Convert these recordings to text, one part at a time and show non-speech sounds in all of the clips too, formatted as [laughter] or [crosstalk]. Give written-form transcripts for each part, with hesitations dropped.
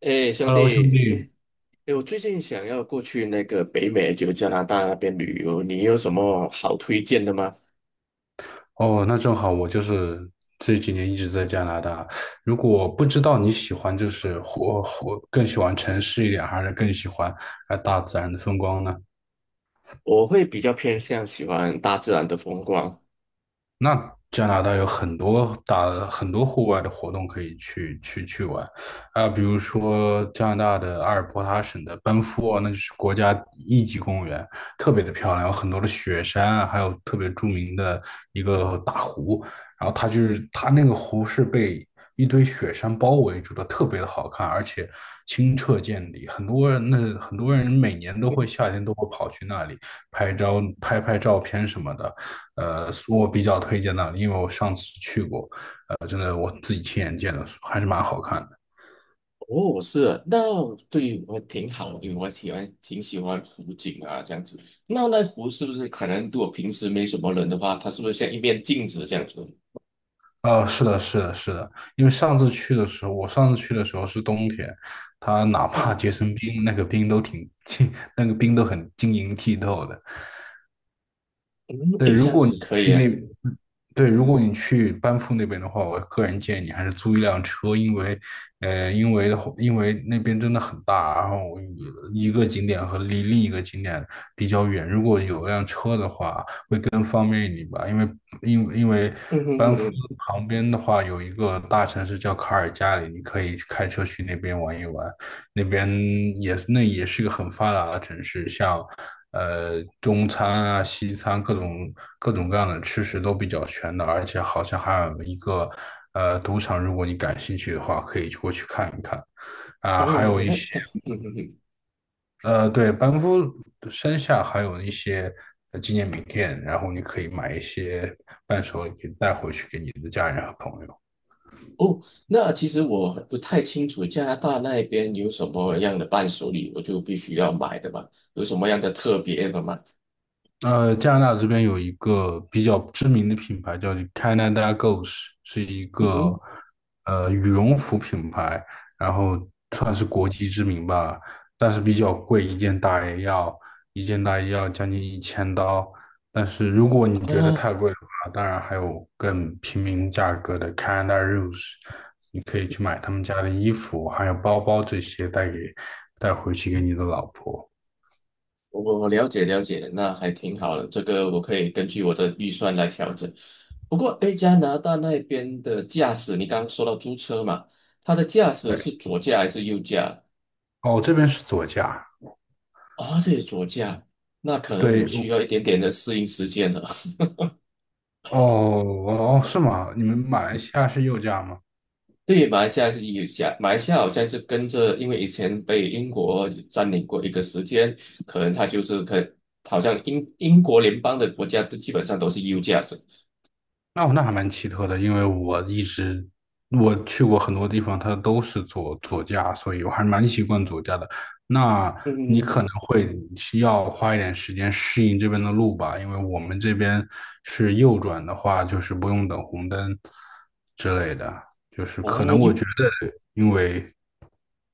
哎，兄 Hello，兄弟，哎弟。哎，我最近想要过去那个北美，就加拿大那边旅游，你有什么好推荐的吗？哦，那正好，我就是这几年一直在加拿大。如果不知道你喜欢就是活更喜欢城市一点，还是更喜欢大自然的风光呢？我会比较偏向喜欢大自然的风光。那加拿大有很多户外的活动可以去玩啊，比如说加拿大的阿尔伯塔省的班夫啊，那就是国家一级公园，特别的漂亮，有很多的雪山啊，还有特别著名的一个大湖。然后它那个湖是被一堆雪山包围住的，特别的好看，而且清澈见底。很多人每年都会嗯。夏天都会跑去那里拍照片什么的。是我比较推荐那里，因为我上次去过。真的我自己亲眼见的，还是蛮好看的。哦，是啊，那对我挺好，因为我喜欢挺喜欢湖景啊，这样子。那湖是不是可能如果平时没什么人的话，它是不是像一面镜子这样子？是的，是的，是的。因为上次去的时候，我上次去的时候是冬天，它哪怕嗯结成冰，那个冰都挺 [laughs] 那个冰都很晶莹剔透的。嗯，对。诶，如这样果你子可去以啊。那，对，如果你去班夫那边的话，我个人建议你还是租一辆车。因为那边真的很大，然后一个景点离另一个景点比较远，如果有辆车的话，会更方便一点吧。因为嗯嗯嗯班夫嗯，旁边的话有一个大城市叫卡尔加里，你可以开车去那边玩一玩。那边那也是一个很发达的城市，像中餐啊、西餐各种各样的吃食都比较全的，而且好像还有一个赌场，如果你感兴趣的话，可以过去看一看啊、还有哦，一那些那嗯嗯嗯。班夫山下还有一些纪念品店，然后你可以买一些伴手礼带回去给你的家人和朋友。哦，那其实我不太清楚加拿大那边有什么样的伴手礼，我就必须要买的嘛，有什么样的特别的吗？加拿大这边有一个比较知名的品牌叫 Canada Goose，是一嗯哼。个羽绒服品牌，然后算是国际知名吧，但是比较贵，一件大衣要将近1000刀。但是如果你觉得哦，太贵的话，当然还有更平民价格的 Canada Rose，你可以去买他们家的衣服，还有包包这些带回去给你的老婆。我了解了解，那还挺好的，这个我可以根据我的预算来调整。不过，诶，加拿大那边的驾驶，你刚刚说到租车嘛，它的驾驶对，是左驾还是右驾？哦，这边是左家。哦，这也左驾，那可能我对，需要一点点的适应时间了。哦哦，是吗？你们马来西亚是右驾吗？对，马来西亚是有讲，马来西亚好像是跟着，因为以前被英国占领过一个时间，可能它就是好像英国联邦的国家都基本上都是 U 价值。哦，那还蛮奇特的，因为我一直我去过很多地方，它都是左驾，所以我还蛮习惯左驾的。那嗯你嗯嗯，可能嗯。会需要花一点时间适应这边的路吧，因为我们这边是右转的话，就是不用等红灯之类的，就是可哦能我觉，U，得，因为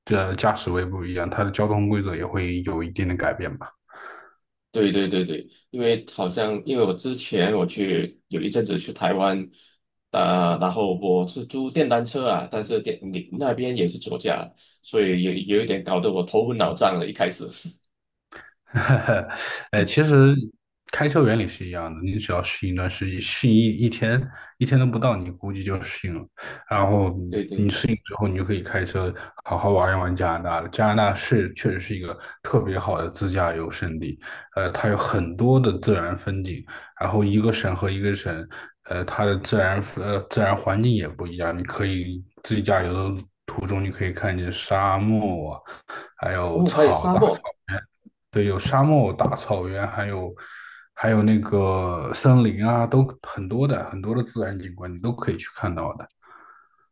这驾驶位不一样，它的交通规则也会有一定的改变吧。对对对对，因为好像因为我之前我去有一阵子去台湾，啊、然后我是租电单车啊，但是电你那边也是左驾，所以有一点搞得我头昏脑胀了，一开始。[laughs] 哎，其 [laughs] 实开车原理是一样的，你只要适应一段时间，适应一天，一天都不到，你估计就适应了。然后对对对，之后你就可以开车好好玩一玩加拿大了。加拿大是确实是一个特别好的自驾游胜地。它有很多的自然风景，然后一个省和一个省，它的自然环境也不一样。你可以自驾游的途中，你可以看见沙漠啊，还有哦，还有草沙大草。漠。原。对，有沙漠、大草原，还有那个森林啊，都很多的自然景观，你都可以去看到的。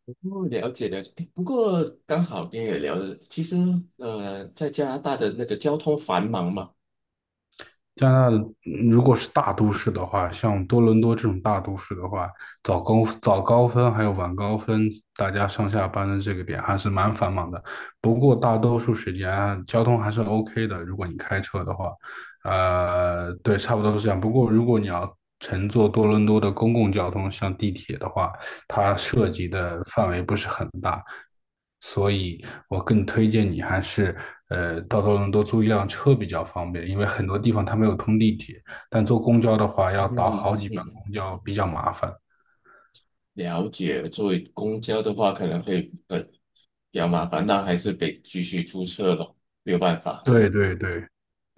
哦，了解了解。诶不过刚好跟也聊了，其实在加拿大的那个交通繁忙嘛，加拿大如果是大都市的话，像多伦多这种大都市的话，早高峰还有晚高峰，大家上下班的这个点还是蛮繁忙的。不过大多数时间啊交通还是 OK 的，如果你开车的话，对，差不多是这样。不过如果你要乘坐多伦多的公共交通，像地铁的话，它嗯涉及的范围不是很大，所以我更推荐你还是到多伦多租一辆车比较方便，因为很多地方它没有通地铁，但坐公交的话嗯要倒嗯好几嗯班嗯，公交，比较麻烦。了解。作为公交的话，可能会比较麻烦，那还是得继续租车咯，没有办法。对对对，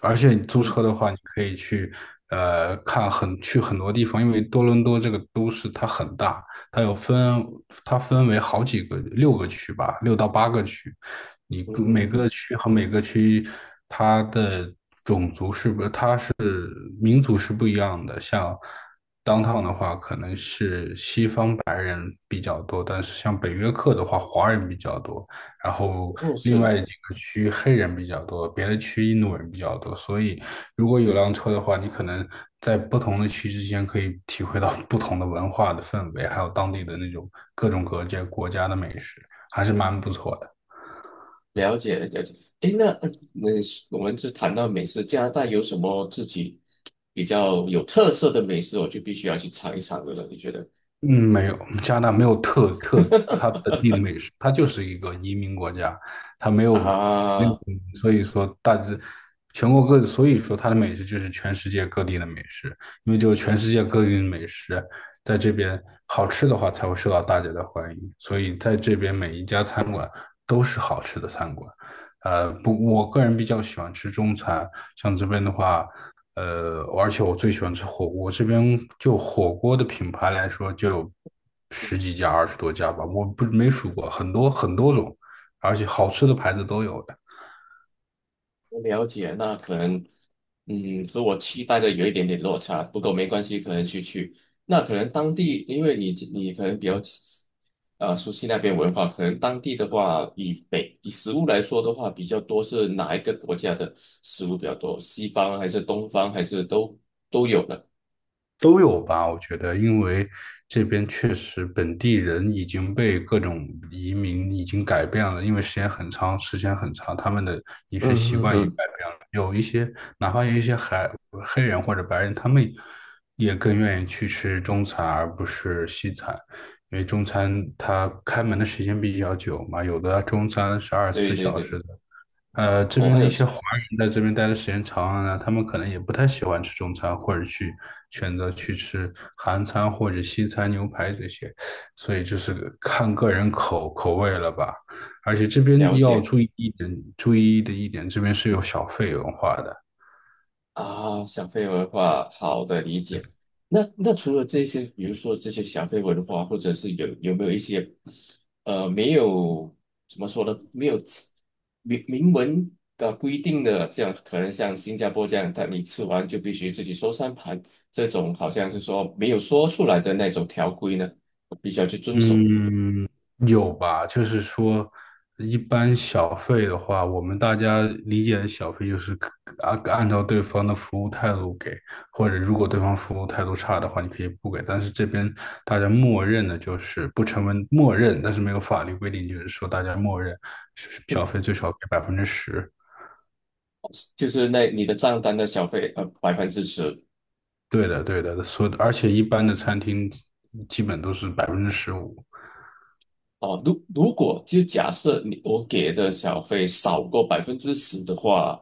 而且你租嗯车的话，你可以去呃看很去很多地方，因为多伦多这个都市它很大。它有分它分为好几个六个区吧，六到八个区。嗯嗯每嗯，个嗯。区和每个区它的民族是不一样的，像 downtown 的话，可能是西方比较多，但是像北约克的话，华人比较多，然后哦，另是外几个区黑人比较多，别的区印度人比较多，所以如果有辆车的话，你可能在不同的区之间可以体会到不同的文化的氛围，还有当地的那种各种各界国家的美食，还是蛮不错的。了解了解。诶，那我们是谈到美食，加拿大有什么自己比较有特色的美食，我就必须要去尝一尝的了，你觉得？嗯，没有，加拿大没有它本地的美食，它就是一个移民国家。它没 [laughs] 有没有啊，所以说大致全国各，地，所以说它的美食就是全世界各地的美食，因为只有全世界各地的美食在这边好吃的话，才会受到大家的欢迎，所以在这边每一家餐馆都是好吃的餐馆。不，我个人比较喜欢吃中餐，像这边的话，而且我最喜欢吃火锅，这边就火锅的品牌来说，就有十几家、20多家吧，我不没数过，很多很多种，而且好吃的牌子都有的。了解，那可能，和我期待的有一点点落差，不过没关系，可能去去。那可能当地，因为你可能比较，熟悉那边文化，可能当地的话，以食物来说的话，比较多是哪一个国家的食物比较多？西方还是东方，还是都有的？都有吧，我觉得，因为这边确实本地人已经被各种移民已经改变了，因为时间很长，时间很长，他们的饮食嗯习嗯惯也改嗯。变了。有一些，哪怕有一些黑人或者白人，他们也更愿意去吃中餐而不是西餐，因为中餐它开门的时间比较久嘛，有的中餐是二十四对对小对，时的。这我边还的一有些华人在这边待的时间长了呢，他们可能也不太喜欢吃中餐，或者去选择去吃韩餐或者西餐、牛排这些，所以就是看个人口味了吧。而且这边了要解。注意一点，注意的一点，这边是有小费文化的。啊，小费文化，好的理解。那除了这些，比如说这些小费文化，或者是有没有一些，没有怎么说呢，没有明文的规定的，这样可能像新加坡这样，但你吃完就必须自己收3盘，这种好像是说没有说出来的那种条规呢，必须要去遵守的。嗯，有吧？就是说，一般小费的话，我们大家理解的小费就是按照对方的服务态度给，或者如果对方服务态度差的话，你可以不给。但是这边大家默认的就是不成文默认，但是没有法律规定，就是说大家默认是小费 [laughs] 最少给百分之十。就是那你的账单的小费10%。对的，对的，所以而且一般的餐厅基本都是15%。哦，如果就假设你我给的小费少过百分之十的话，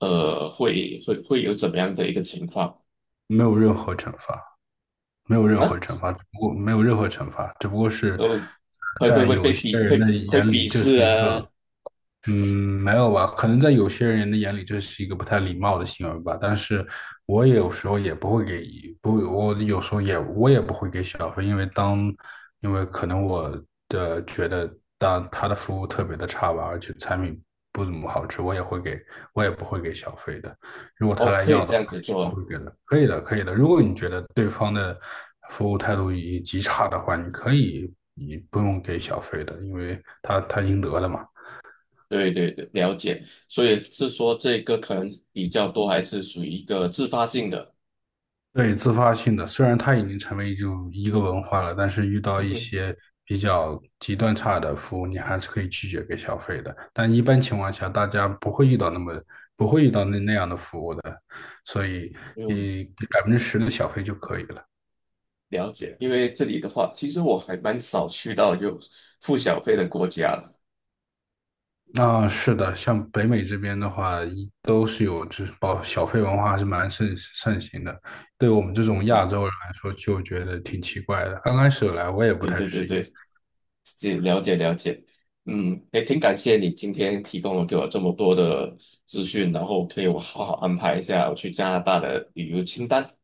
会有怎么样的一个情况没有任何惩罚。没有任何啊？惩罚，只不过没有任何惩罚，只不过是呃，会会在会有一被些鄙人会的眼会里，鄙这是视一啊？个嗯，没有吧？可能在有些人的眼里，这是一个不太礼貌的行为吧。但是我也有时候也不会给，不，我有时候也我也不会给小费，因为当，因为可能我觉得当他的服务特别的差吧，而且产品不怎么好吃，我也会给，我也不会给小费的。如果他哦，来可以要的这话，样子也是做不啊。会给的。可以的，可以的。如果你觉得对方的服务态度已极差的话，你可以，你不用给小费的，因为他应得的嘛。对对对，了解。所以是说这个可能比较多，还是属于一个自发性的？对，自发性的，虽然它已经成为就一个文化了，但是遇到嗯一哼，些比较极端差的服务，你还是可以拒绝给小费的。但一般情况下，大家不会遇到那么不会遇到那那样的服务的，所以有你给百分之十的小费就可以了。了解。因为这里的话，其实我还蛮少去到有付小费的国家的。那是的，像北美这边的话，一都是有就是保小费文化还是蛮盛行的。对我们这种嗯嗯，亚洲人来说，就觉得挺奇怪的。刚开始来我也不对太对对适应。对。是了解了解，也挺感谢你今天提供了给我这么多的资讯，然后可以我好好安排一下我去加拿大的旅游清单 [laughs]。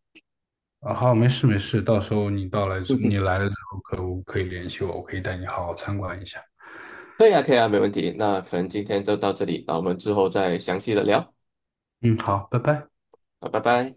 啊，好，没事没事，到时候嗯你哼，来了之后我可以联系我，我可以带你好好参观一下。可以啊，可以啊，没问题。那可能今天就到这里，那我们之后再详细的聊。嗯，好，拜拜。好，拜拜。